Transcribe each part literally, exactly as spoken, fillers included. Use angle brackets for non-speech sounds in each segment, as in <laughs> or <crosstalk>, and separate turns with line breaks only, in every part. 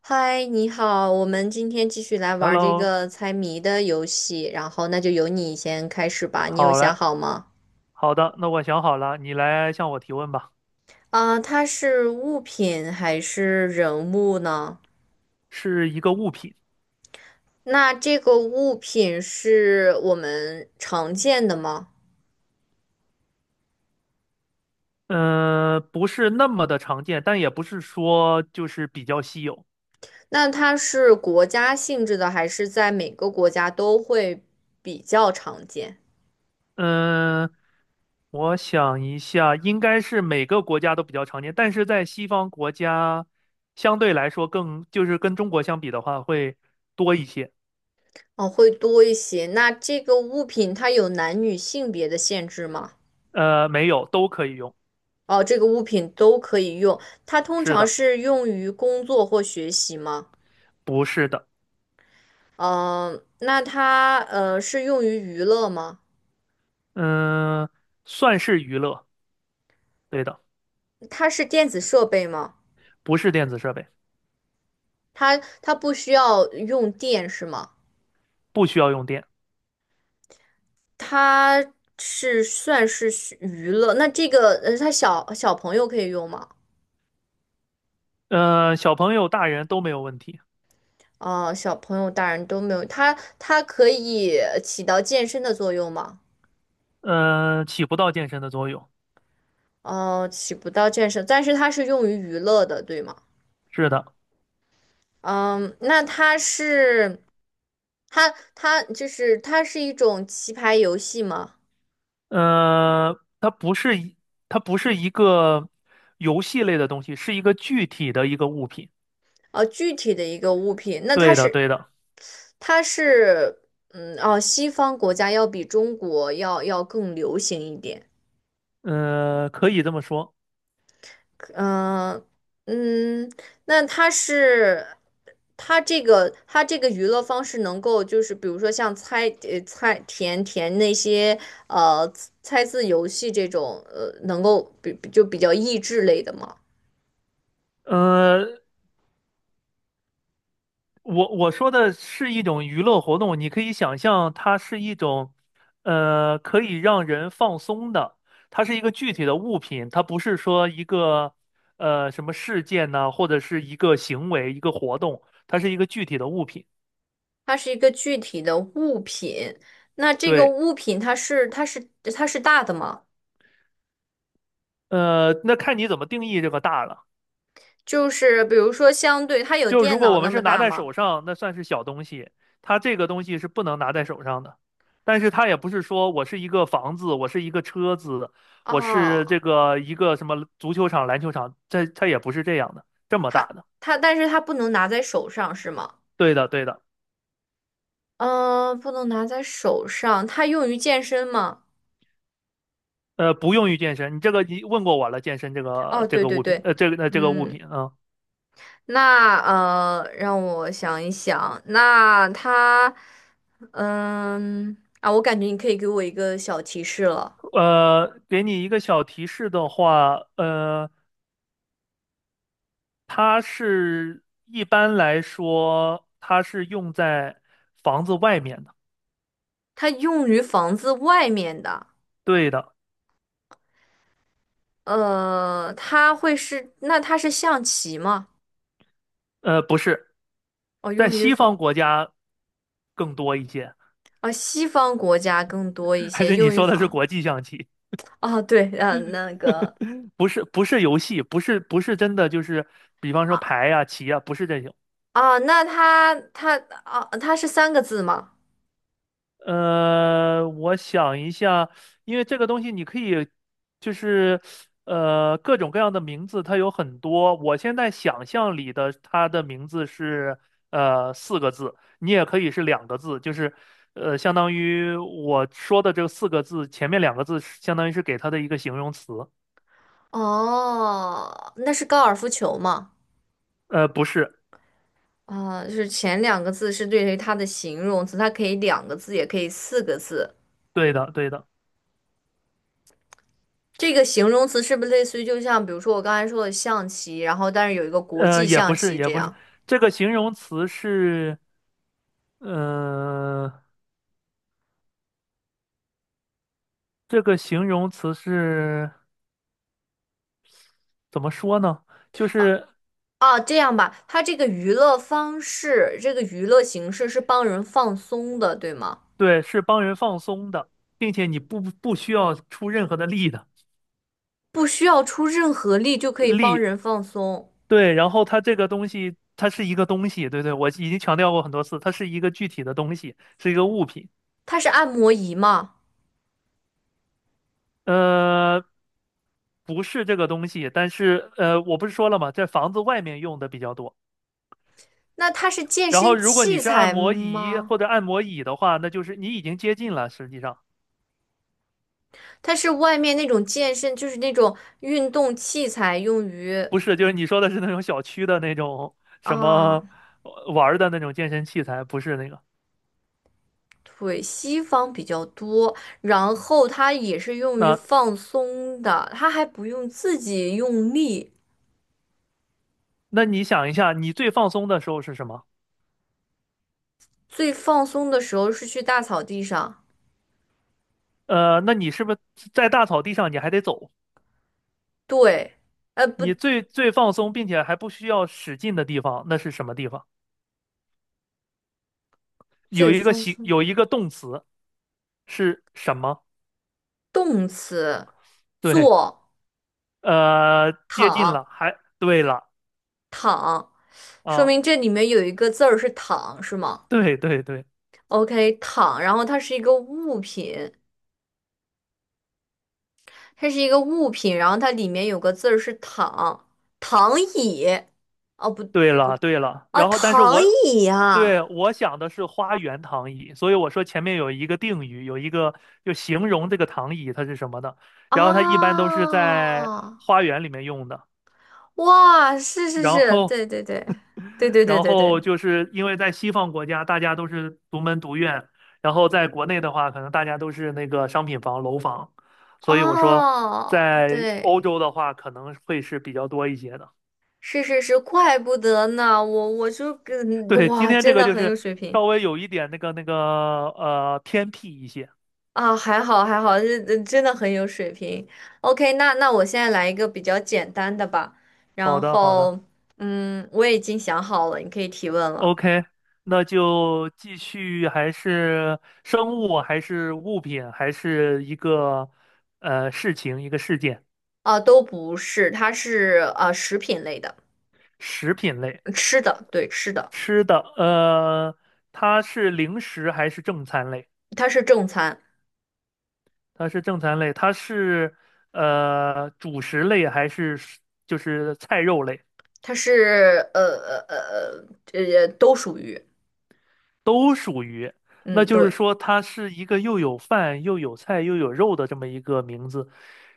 嗨，你好，我们今天继续来玩儿这
Hello，
个猜谜的游戏，然后那就由你先开始吧。你有
好
想
嘞，
好吗？
好的，那我想好了，你来向我提问吧。
啊、它是物品还是人物呢？
是一个物品，
那这个物品是我们常见的吗？
嗯、不是那么的常见，但也不是说就是比较稀有。
那它是国家性质的，还是在每个国家都会比较常见？
嗯、我想一下，应该是每个国家都比较常见，但是在西方国家相对来说更，就是跟中国相比的话会多一些。
哦，会多一些。那这个物品它有男女性别的限制吗？
呃，没有，都可以用。
哦，这个物品都可以用，它通
是
常
的，
是用于工作或学习吗？
不是的，
嗯、那它呃是用于娱乐吗？
嗯、算是娱乐，对的，
它是电子设备吗？
不是电子设备，
它它不需要用电是吗？
不需要用电。
它是算是需娱乐，那这个呃，它小小朋友可以用吗？
呃，小朋友、大人都没有问题，
啊、小朋友、大人都没有，它它可以起到健身的作用吗？
呃，起不到健身的作用。
哦、起不到健身，但是它是用于娱乐的，对吗？
是的，
嗯，那它是它它就是它是一种棋牌游戏吗？
呃，它不是一，它不是一个游戏类的东西，是一个具体的一个物品。
啊，具体的一个物品，那它
对的，
是
对的，
它是嗯哦，西方国家要比中国要要更流行一点。
呃，可以这么说。
嗯嗯，那它是它这个它这个娱乐方式能够就是比如说像猜呃猜填填那些呃猜字游戏这种呃能够比就比较益智类的吗？
呃，我我说的是一种娱乐活动，你可以想象它是一种，呃，可以让人放松的，它是一个具体的物品，它不是说一个，呃，什么事件呢，或者是一个行为、一个活动，它是一个具体的物品。
它是一个具体的物品。那这个
对，
物品它是它是它是大的吗？
呃，那看你怎么定义这个大了。
就是比如说，相对它有
就如
电
果
脑
我
那
们
么
是拿
大
在
吗？
手上，那算是小东西，它这个东西是不能拿在手上的。但是它也不是说我是一个房子，我是一个车子，我是
哦，
这个一个什么足球场、篮球场，这它也不是这样的，这么大
它
的。
它，但是它不能拿在手上是吗？
对的，对的，
嗯、呃不能拿在手上。它用于健身吗？
呃，不用于健身。你这个你问过我了，健身这个
哦，
这
对
个
对
物品，
对，
呃，这个呃这个物
嗯，
品啊，
那呃，让我想一想，那它，嗯啊，我感觉你可以给我一个小提示了，
呃，给你一个小提示的话，呃，它是一般来说它是用在房子外面的。
它用于房子外面的。
对的，
呃，它会是，那它是象棋吗？
呃，不是，
哦，
在
用于
西方
仿，
国家更多一些，
哦，西方国家更多一
<laughs> 还
些
是你
用于
说的是
仿。
国际象棋？
啊。对，呃，那个
不是，不是游戏，不是，不是真的，就是比方说
啊
牌呀、棋呀，不是这种。
啊，那它它啊，它是三个字吗？
呃，我想一下，因为这个东西你可以，就是呃各种各样的名字，它有很多。我现在想象里的它的名字是呃四个字，你也可以是两个字，就是呃相当于我说的这个四个字前面两个字是相当于是给它的一个形容词。
哦，那是高尔夫球吗？
呃，不是，
啊，就是前两个字是对于它的形容词，它可以两个字，也可以四个字。
对的，对的，
这个形容词是不是类似于就像比如说我刚才说的象棋，然后但是有一个国
呃，
际
也不
象
是，
棋
也
这
不是，
样？
这个形容词是，呃，这个形容词是。怎么说呢？就是
啊，这样吧，它这个娱乐方式，这个娱乐形式是帮人放松的，对吗？
对，是帮人放松的，并且你不不需要出任何的力的
不需要出任何力就可以帮
力。
人放松。
对，然后它这个东西，它是一个东西，对对，我已经强调过很多次，它是一个具体的东西，是一个物品。
它是按摩仪吗？
呃，不是这个东西，但是呃，我不是说了吗？在房子外面用的比较多。
那它是健
然后，
身
如果你
器
是按
材
摩仪
吗？
或者按摩椅的话，那就是你已经接近了，实际上。
它是外面那种健身，就是那种运动器材，用于
不是，就是你说的是那种小区的那种什
啊，
么呃玩儿的那种健身器材，不是那个。
腿。西方比较多。然后它也是用于
那
放松的，它还不用自己用力。
那你想一下，你最放松的时候是什么？
最放松的时候是去大草地上。
呃，那你是不是在大草地上你还得走？
对，呃，不，
你最最放松并且还不需要使劲的地方，那是什么地方？有
最
一个
放
形，
松。
有一个动词是什么？
动词，
对，
坐、
呃，接近了，
躺、
还对了
躺，说
啊，
明这里面有一个字儿是躺，是吗
对对对。
？OK，躺，然后它是一个物品，它是一个物品，然后它里面有个字儿是躺，躺椅。哦，不，
对了，对了，
啊，
然后但是
躺
我
椅呀，
对我想的是花园躺椅，所以我说前面有一个定语，有一个就形容这个躺椅它是什么的，然后它一般都是在
啊，
花园里面用的，
哇，是是
然
是，
后
对对对，对对对
然
对
后
对，
就是因为在西方国家大家都是独门独院，然后在国内的话可能大家都是那个商品房楼房，所以我说
哦，
在
对。
欧洲的话可能会是比较多一些的。
是是是，怪不得呢，我我就跟
对，今
哇，
天这
真
个
的
就
很有
是
水平
稍微有一点那个那个呃偏僻一些。
啊，还好还好，这这真的很有水平。OK，那那我现在来一个比较简单的吧，
好
然
的，好的
后嗯，我已经想好了，你可以提问了。
，OK，那就继续，还是生物，还是物品，还是一个呃事情，一个事件，
啊，都不是，它是啊食品类的，
食品类，
嗯吃的，对，吃的，
吃的，呃，它是零食还是正餐类？
它是正餐，
它是正餐类，它是呃主食类还是就是菜肉类？
它是呃呃呃呃呃都属于，
都属于，那
嗯，
就是
对。
说它是一个又有饭又有菜又有肉的这么一个名字。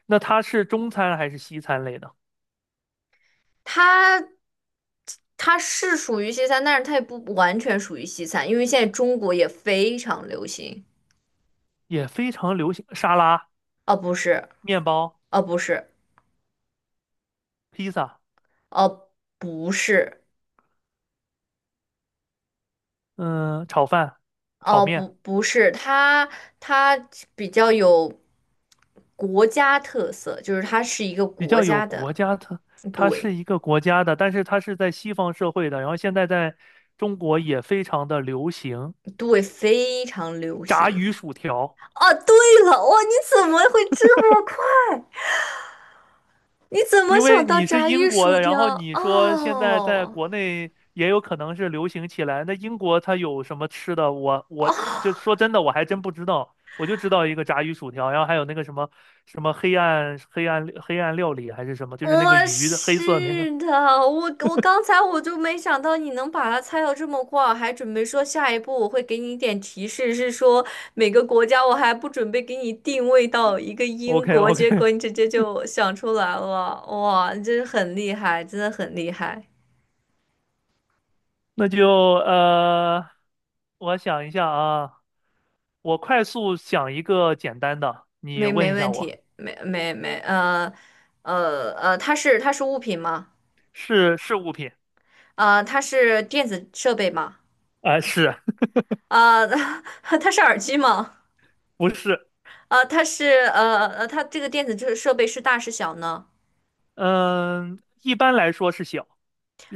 那它是中餐还是西餐类的？
它它是属于西餐，但是它也不完全属于西餐，因为现在中国也非常流行。
也非常流行沙拉、
哦，不是，
面包、
哦，不是，
披萨，
哦，不是，
嗯，炒饭、炒
哦，
面，
不，不是，它它比较有国家特色，就是它是一个
比
国
较有
家
国
的，
家特，它
对
是一个国家的，但是它是在西方社会的，然后现在在中国也非常的流行
对，非常流
炸
行。
鱼薯条。
哦，对了，哇，你怎么会这么快？你怎么
因为
想到
你是
炸
英
鱼
国
薯
的，然后
条？
你说现在在
哦。
国内也有可能是流行起来，那英国它有什么吃的？我
<laughs>
我就
哦，
说真的，我还真不知道，我就知道一个炸鱼薯条，然后还有那个什么什么黑暗黑暗黑暗料理还是什么，就
我
是那个鱼的黑色那个。
是的，我我刚才我就没想到你能把它猜到这么快，还准备说下一步我会给你一点提示，是说每个国家，我还不准备给你定位到一个英
OK
国，结
OK，
果你直接就想出来了，哇，你真是很厉害，真的很厉害，
<laughs> 那就呃，我想一下啊，我快速想一个简单的，你
没
问
没
一下
问
我，
题，没没没，呃呃呃，它是它是物品吗？
是是物品
呃，它是电子设备吗？
啊，是
啊，<laughs> 它是耳机吗？
<laughs> 不是？
呃，它是呃呃，它这个电子设设备是大是小呢？
嗯，一般来说是小，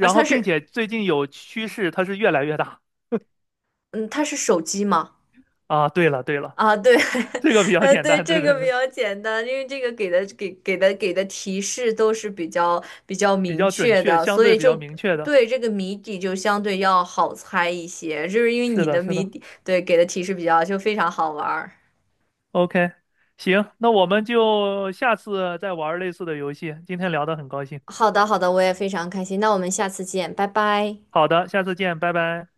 而
后
它
并
是
且最近有趋势，它是越来越大
嗯，它是手机吗？
啊。对了对了，
啊，对，
这个比
<laughs>
较
呃，
简
对，
单，对
这
对
个比
对，
较简单，因为这个给的给给的给的提示都是比较比较
比
明
较准
确
确，
的，
相
所
对
以
比
就
较明确的。
对这个谜底就相对要好猜一些，就是因为
是
你
的，
的
是
谜
的。
底对给的提示比较就非常好玩儿。
OK，行，那我们就下次再玩类似的游戏。今天聊得很高兴，
好的，好的，我也非常开心，那我们下次见，拜拜。
好的，下次见，拜拜。